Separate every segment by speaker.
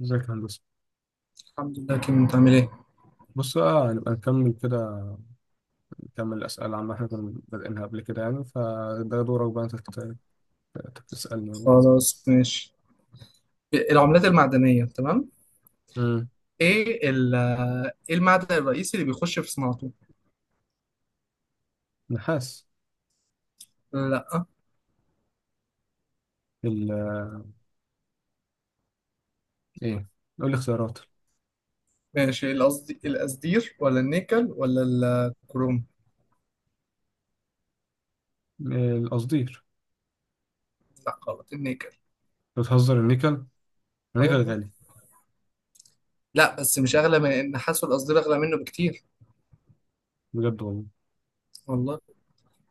Speaker 1: ازيك يا هندسة؟
Speaker 2: الحمد لله كيمو انت عامل ايه؟
Speaker 1: بص بقى هنبقى نكمل كده. نكمل الأسئلة عما احنا كنا بادئينها قبل كده يعني، فده دورك بقى انت تسألني يعني كده.
Speaker 2: خلاص ماشي. العملات المعدنية تمام؟
Speaker 1: امم.
Speaker 2: ايه ال- ايه المعدن الرئيسي اللي بيخش في صناعته؟
Speaker 1: نحاس.
Speaker 2: لا.
Speaker 1: ال ايه، قول لي اختيارات.
Speaker 2: ماشي، القصدير ولا النيكل ولا الكروم؟
Speaker 1: القصدير.
Speaker 2: لا غلط، النيكل.
Speaker 1: بتهزر، النيكل،
Speaker 2: اه
Speaker 1: النيكل
Speaker 2: والله.
Speaker 1: غالي.
Speaker 2: لا بس مش اغلى من النحاس، والقصدير اغلى منه بكتير.
Speaker 1: بجد والله.
Speaker 2: والله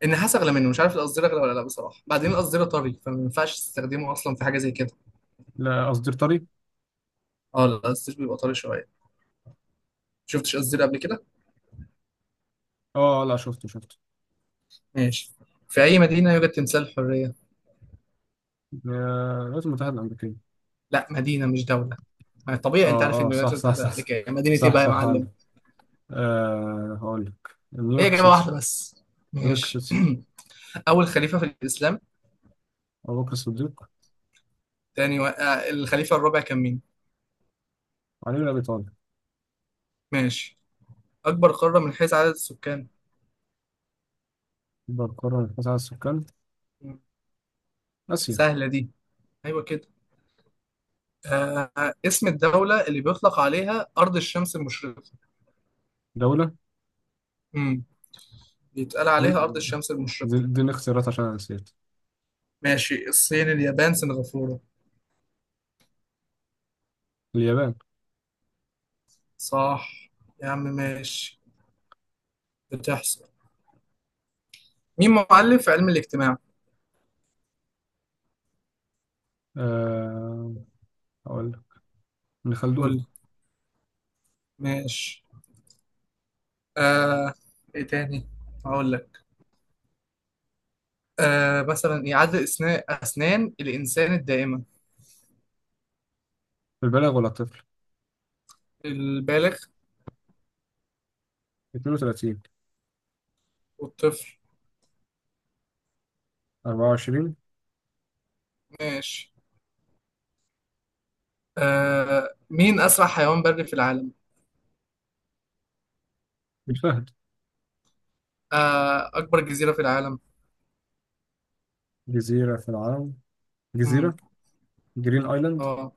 Speaker 2: النحاس اغلى منه، مش عارف القصدير اغلى ولا لا بصراحة. بعدين القصدير طري فما ينفعش تستخدمه اصلا في حاجة زي كده.
Speaker 1: لا قصدير طري.
Speaker 2: اه لا، القصدير بيبقى طري شوية. شفتش قصدير قبل كده؟
Speaker 1: اه لا، شفته شفته.
Speaker 2: ماشي. في اي مدينة يوجد تمثال الحرية؟
Speaker 1: آه، الولايات المتحدة الأمريكية.
Speaker 2: لا، مدينة مش دولة. ما طبيعي انت عارف ان
Speaker 1: اه اه،
Speaker 2: الولايات
Speaker 1: صح صح
Speaker 2: المتحده
Speaker 1: صح صح.
Speaker 2: الامريكيه مدينه ايه
Speaker 1: صح،
Speaker 2: بقى يا
Speaker 1: صح.
Speaker 2: معلم.
Speaker 1: عندك. هقول لك
Speaker 2: هي
Speaker 1: نيويورك
Speaker 2: جابه
Speaker 1: سيتي.
Speaker 2: واحده بس.
Speaker 1: نيويورك
Speaker 2: ماشي.
Speaker 1: سيتي.
Speaker 2: اول خليفه في الاسلام.
Speaker 1: أبو بكر الصديق.
Speaker 2: تاني و... آه، الخليفه الرابع كان مين.
Speaker 1: علي بن أبي طالب.
Speaker 2: ماشي. اكبر قاره من حيث عدد السكان.
Speaker 1: بالقرن التاسع على السكان.
Speaker 2: مم.
Speaker 1: آسيا.
Speaker 2: سهله دي. ايوه كده. اسم الدوله اللي بيطلق عليها ارض الشمس المشرقه.
Speaker 1: دولة.
Speaker 2: امم. بيتقال
Speaker 1: دي,
Speaker 2: عليها ارض الشمس المشرقه.
Speaker 1: دي الاختيارات عشان أنا نسيت.
Speaker 2: ماشي، الصين، اليابان، سنغافوره.
Speaker 1: اليابان.
Speaker 2: صح. يا عم ماشي. بتحصل. مين مؤلف علم الاجتماع.
Speaker 1: آه... أقول لك. ابن
Speaker 2: قول
Speaker 1: خلدون.
Speaker 2: لي. ماشي. آه ايه تاني. هقول لك. مثلا إيه؟ عدد اسنان الانسان الدائمه.
Speaker 1: البالغ ولا الطفل؟
Speaker 2: البالغ
Speaker 1: 32.
Speaker 2: والطفل.
Speaker 1: 24.
Speaker 2: ماشي. مين اسرع حيوان بري في العالم.
Speaker 1: الفهد.
Speaker 2: اكبر جزيره في العالم.
Speaker 1: جزيرة في العالم.
Speaker 2: امم.
Speaker 1: جزيرة. جرين آيلاند.
Speaker 2: اه،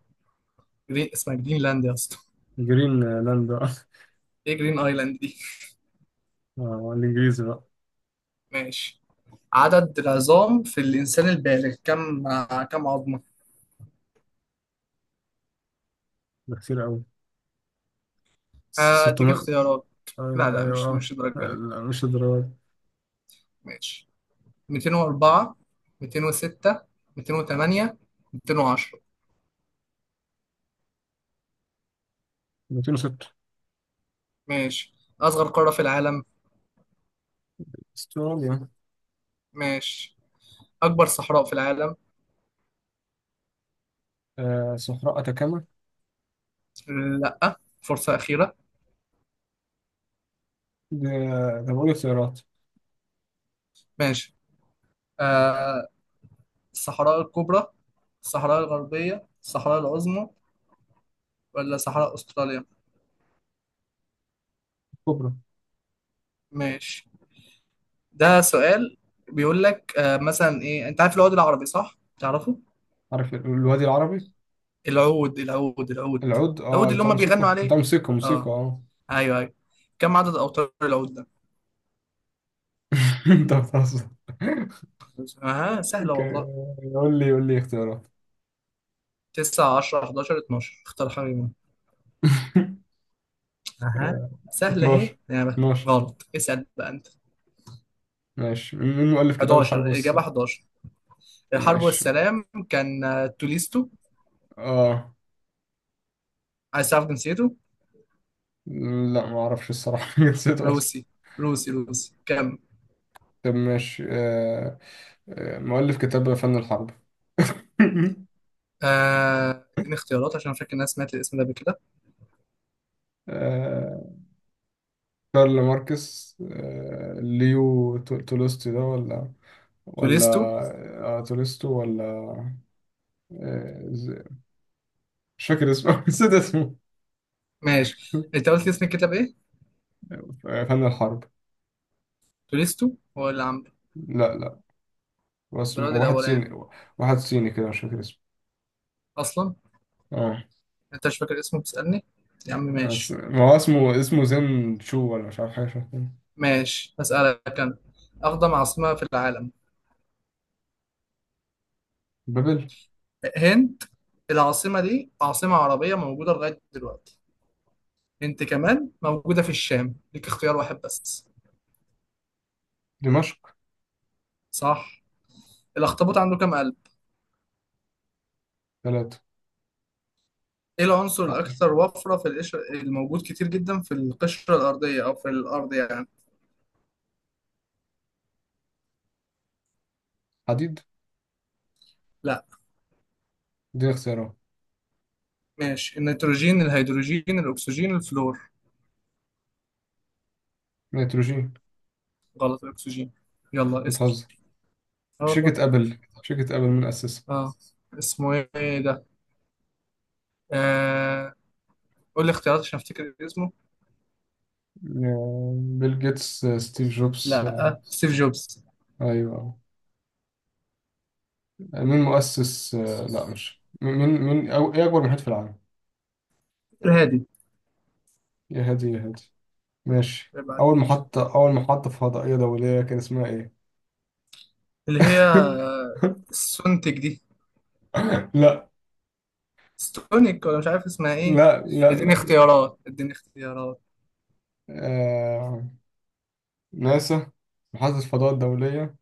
Speaker 2: جرين اسمها جرينلاند يا اسطى.
Speaker 1: جرين لاند.
Speaker 2: ايه جرين ايلاند دي.
Speaker 1: الإنجليزي بقى.
Speaker 2: ماشي. عدد العظام في الانسان البالغ كم عظمه.
Speaker 1: ده كتير أوي.
Speaker 2: اديك
Speaker 1: 600.
Speaker 2: اختيارات.
Speaker 1: آه
Speaker 2: لا لا، مش
Speaker 1: أيوه.
Speaker 2: مش
Speaker 1: آه
Speaker 2: الدرجه دي.
Speaker 1: لا، مش الدرجة.
Speaker 2: ماشي. 204، 206، 208، 210.
Speaker 1: 206.
Speaker 2: ماشي. أصغر قارة في العالم.
Speaker 1: استراليا.
Speaker 2: ماشي. أكبر صحراء في العالم.
Speaker 1: صحراء أتاكاما.
Speaker 2: لأ، فرصة أخيرة.
Speaker 1: ده ده بقول اختيارات.
Speaker 2: ماشي. آه الصحراء الكبرى، الصحراء الغربية، الصحراء العظمى، ولا صحراء أستراليا.
Speaker 1: كبرى.
Speaker 2: ماشي. ده سؤال. بيقول لك مثلا إيه، أنت عارف العود العربي صح؟ تعرفه؟
Speaker 1: عارف الوادي العربي.
Speaker 2: العود العود العود.
Speaker 1: العود
Speaker 2: العود اللي
Speaker 1: بتاع
Speaker 2: هم بيغنوا
Speaker 1: موسيقى
Speaker 2: عليه.
Speaker 1: موسيقى
Speaker 2: اه.
Speaker 1: اه
Speaker 2: ايوه ايوه. كم عدد اوتار العود.
Speaker 1: انت بتهزر.
Speaker 2: اها سهله
Speaker 1: ك-
Speaker 2: والله.
Speaker 1: قول لي اختيارات.
Speaker 2: 9، 10، 11، 12، اختار حاجه منهم. اها
Speaker 1: آه،
Speaker 2: سهله اهي
Speaker 1: 12.
Speaker 2: يعني.
Speaker 1: 12.
Speaker 2: غلط. اسال بقى انت.
Speaker 1: ماشي، مين مؤلف كتاب الحرب
Speaker 2: 11 اجابه،
Speaker 1: والسلام؟
Speaker 2: 11. الحرب
Speaker 1: ماشي.
Speaker 2: والسلام كان توليستو.
Speaker 1: اه،
Speaker 2: عايز تعرف جنسيته.
Speaker 1: لا ما اعرفش الصراحة. نسيت اصلا.
Speaker 2: روسي. روسي روسي كم.
Speaker 1: طب ماشي. مؤلف كتاب فن الحرب.
Speaker 2: اديني اختيارات عشان أنا فاكر ان انا سمعت الاسم ده قبل كده.
Speaker 1: آه. كارل ماركس، ليو تولستوي ده ولا ولا؟
Speaker 2: توليستو.
Speaker 1: تولستو ولا؟ آه، ز- مش فاكر اسمه. نسيت اسمه.
Speaker 2: ماشي، انت قلت لي اسم الكتاب ايه.
Speaker 1: فن الحرب.
Speaker 2: توليستو هو اللي عامله.
Speaker 1: لا لا، هو
Speaker 2: البراد
Speaker 1: اسمه واحد
Speaker 2: الاولاني
Speaker 1: صيني. واحد صيني كده مش فاكر اسمه.
Speaker 2: اصلا.
Speaker 1: اه.
Speaker 2: انت مش فاكر اسمه بتسالني. يا عم ماشي.
Speaker 1: ما هو اسمه زين شو، ولا مش عارف حاجة شبه كده.
Speaker 2: ماشي، هسالك انا. أقدم عاصمة في العالم.
Speaker 1: بابل.
Speaker 2: هند. العاصمة دي عاصمة عربية موجودة لغاية دلوقتي. هند كمان موجودة في الشام. ليك اختيار واحد بس.
Speaker 1: دمشق.
Speaker 2: صح. الأخطبوط عنده كام قلب؟
Speaker 1: ثلاثة.
Speaker 2: إيه العنصر
Speaker 1: لا،
Speaker 2: الأكثر وفرة في القشرة، الموجود كتير جدا في القشرة الأرضية أو في الأرض يعني؟
Speaker 1: حديد.
Speaker 2: لا.
Speaker 1: دي اختيارات.
Speaker 2: ماشي، النيتروجين، الهيدروجين، الأكسجين، الفلور.
Speaker 1: نيتروجين.
Speaker 2: غلط، الأكسجين. يلا اسأل.
Speaker 1: بتهزر.
Speaker 2: اه والله.
Speaker 1: شركة أبل من أسسها؟
Speaker 2: اه. اسمه ايه ده؟ آه... قول لي اختيارات عشان افتكر اسمه.
Speaker 1: بيل جيتس، ستيف جوبز.
Speaker 2: لا، سيف جوبز.
Speaker 1: أيوه. مين مؤسس، لا مش مين أو إيه أكبر محيط في العالم؟
Speaker 2: الهادي.
Speaker 1: يا هادي يا هادي. ماشي، أول محطة فضائية دولية كان اسمها إيه؟
Speaker 2: اللي هي السونتك دي.
Speaker 1: لا
Speaker 2: ستونيك، ولا مش عارف اسمها ايه.
Speaker 1: لا لا
Speaker 2: اديني
Speaker 1: لا.
Speaker 2: اختيارات، اديني اختيارات.
Speaker 1: آه... ناسا. محطة الفضاء الدولية.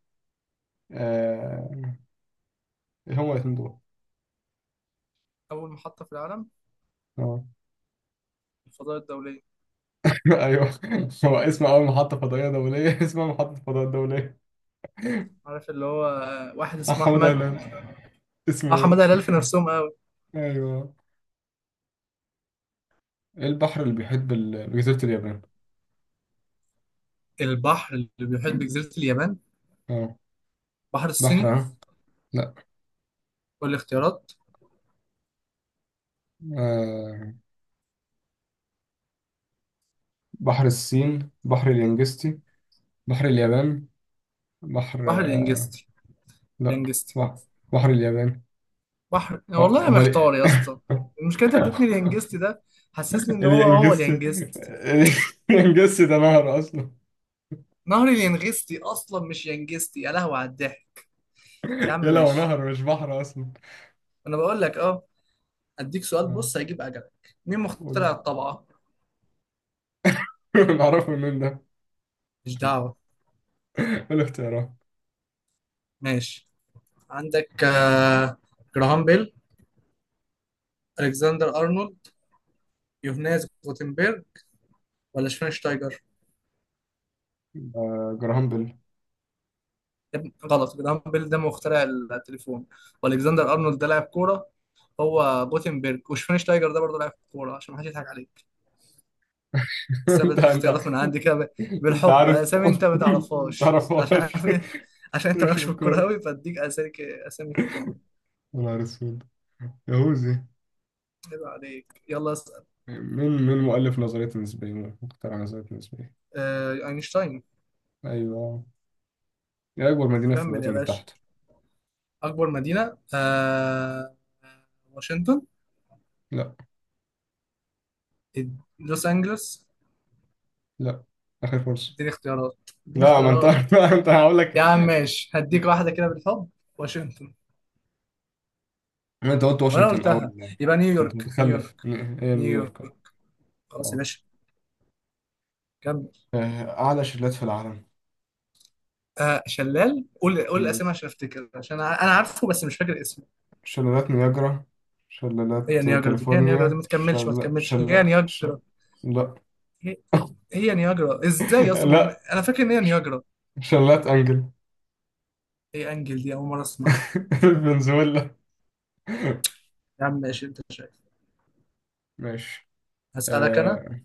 Speaker 1: آه... إيه هما الاتنين دول؟
Speaker 2: اول محطة في العالم.
Speaker 1: آه.
Speaker 2: الفضاء الدولية.
Speaker 1: أيوه. هو اسم أول محطة فضائية دولية اسمها محطة الفضاء الدولية.
Speaker 2: عارف اللي هو واحد اسمه
Speaker 1: محمد
Speaker 2: احمد.
Speaker 1: أهلان.
Speaker 2: اه،
Speaker 1: اسمه
Speaker 2: حماده
Speaker 1: إيه؟
Speaker 2: هلال في نفسهم قوي.
Speaker 1: أيوه. إيه البحر اللي بيحيط بجزيرة اليابان؟
Speaker 2: البحر اللي بيحيط بجزيرة اليابان.
Speaker 1: آه.
Speaker 2: بحر
Speaker 1: بحر
Speaker 2: الصيني.
Speaker 1: لا.
Speaker 2: والاختيارات.
Speaker 1: آه... بحر الصين، بحر اليانجستي، بحر اليابان، بحر
Speaker 2: بحر اليانجستي.
Speaker 1: لا،
Speaker 2: اليانجستي.
Speaker 1: بحر بحر اليابان.
Speaker 2: بحر،
Speaker 1: هو
Speaker 2: والله انا
Speaker 1: هو
Speaker 2: محتار
Speaker 1: ليه؟
Speaker 2: يا اسطى. المشكلة انت اديتني اليانجستي ده، حسسني ان
Speaker 1: اللي
Speaker 2: هو هو
Speaker 1: انجزت،
Speaker 2: اليانجستي.
Speaker 1: انجزت ده نهر اصلا.
Speaker 2: نهر اليانجستي اصلا، مش يانجستي، يا لهوي على الضحك. يا عم
Speaker 1: يلا هو
Speaker 2: ماشي.
Speaker 1: نهر مش بحر اصلا.
Speaker 2: انا بقول لك اه. اديك سؤال،
Speaker 1: آه،
Speaker 2: بص هيجيب اجلك. مين
Speaker 1: قول.
Speaker 2: مخترع الطبعة.
Speaker 1: نعرفه منين ده؟
Speaker 2: مش
Speaker 1: إيه
Speaker 2: دعوة.
Speaker 1: الاختيارات؟
Speaker 2: ماشي. عندك جراهام بيل، الكسندر ارنولد، يوهانس جوتنبرج، ولا شفاينشتايجر.
Speaker 1: جراهام بيل.
Speaker 2: يا ابني، غلط، جراهام بيل ده مخترع التليفون، والكسندر ارنولد ده لاعب كورة. هو جوتنبرج. وشفاينشتايجر ده برضه لاعب كورة، عشان ما حدش يضحك عليك. بس انا بديك
Speaker 1: انت.
Speaker 2: اختيارات من عندي كده
Speaker 1: انت
Speaker 2: بالحب.
Speaker 1: عارف.
Speaker 2: اسامي انت ما
Speaker 1: انت
Speaker 2: تعرفهاش عشان
Speaker 1: عارفهاش.
Speaker 2: عارف إيه؟ عشان انت
Speaker 1: مش
Speaker 2: مالكش
Speaker 1: في
Speaker 2: في الكورة
Speaker 1: الكورة.
Speaker 2: قوي، فاديك اسامي كده.
Speaker 1: يا نهار اسود. يهوذي.
Speaker 2: عيب عليك، يلا اسال.
Speaker 1: مين مؤلف نظرية النسبية مخترع نظرية النسبية.
Speaker 2: اينشتاين.
Speaker 1: ايوه. هي اكبر مدينة في
Speaker 2: كمل
Speaker 1: الولايات
Speaker 2: يا باشا.
Speaker 1: المتحدة.
Speaker 2: أكبر مدينة واشنطن.
Speaker 1: لا.
Speaker 2: إد- لوس أنجلوس.
Speaker 1: لا، آخر فرصة.
Speaker 2: اديني اختيارات، اديني
Speaker 1: لا ما أنت
Speaker 2: اختيارات.
Speaker 1: ما أنت هقول لك.
Speaker 2: يا عم ماشي، هديك واحدة كده بالحب. واشنطن.
Speaker 1: ما أنت قلت
Speaker 2: وأنا
Speaker 1: واشنطن
Speaker 2: قلتها.
Speaker 1: أول.
Speaker 2: يبقى
Speaker 1: أنت
Speaker 2: نيويورك.
Speaker 1: متخلف،
Speaker 2: نيويورك،
Speaker 1: هي
Speaker 2: نيويورك.
Speaker 1: نيويورك.
Speaker 2: خلاص يا
Speaker 1: أه.
Speaker 2: باشا. كمل.
Speaker 1: آه، أعلى شلالات في العالم.
Speaker 2: شلال، قول قول
Speaker 1: مم.
Speaker 2: الأسامي عشان أفتكر، عشان أنا عارفه بس مش فاكر اسمه.
Speaker 1: شلالات نياجرا،
Speaker 2: هي
Speaker 1: شلالات
Speaker 2: نياجرا دي، هي نياجرا دي،
Speaker 1: كاليفورنيا،
Speaker 2: ما تكملش ما
Speaker 1: شل
Speaker 2: تكملش،
Speaker 1: شل
Speaker 2: هي نياجرا.
Speaker 1: شل لا.
Speaker 2: هي, هي نياجرا إزاي أصلا، ما هو-
Speaker 1: لا،
Speaker 2: أنا فاكر إن هي نياجرا.
Speaker 1: شلالات أنجل.
Speaker 2: هي أنجل دي أول مرة أسمعها.
Speaker 1: فنزويلا.
Speaker 2: يا عم ماشي، أنت شايف.
Speaker 1: ماشي.
Speaker 2: هسألك أنا.
Speaker 1: آه.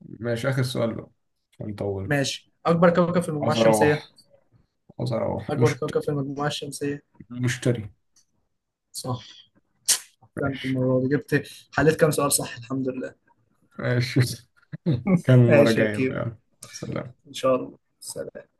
Speaker 1: ماشي آخر سؤال بقى عشان نطول.
Speaker 2: ماشي، أكبر كوكب في المجموعة
Speaker 1: عاوز
Speaker 2: الشمسية.
Speaker 1: أروح. عاوز أروح
Speaker 2: أكبر كوكب في المجموعة الشمسية.
Speaker 1: مشتري.
Speaker 2: صح، أحسنت.
Speaker 1: ماشي.
Speaker 2: المرة دي جبت. حليت كام سؤال صح، الحمد لله.
Speaker 1: ماشي. كان المرة
Speaker 2: ماشي يا
Speaker 1: جاية
Speaker 2: كيمو.
Speaker 1: بقى. سلام.
Speaker 2: إن شاء الله، سلام.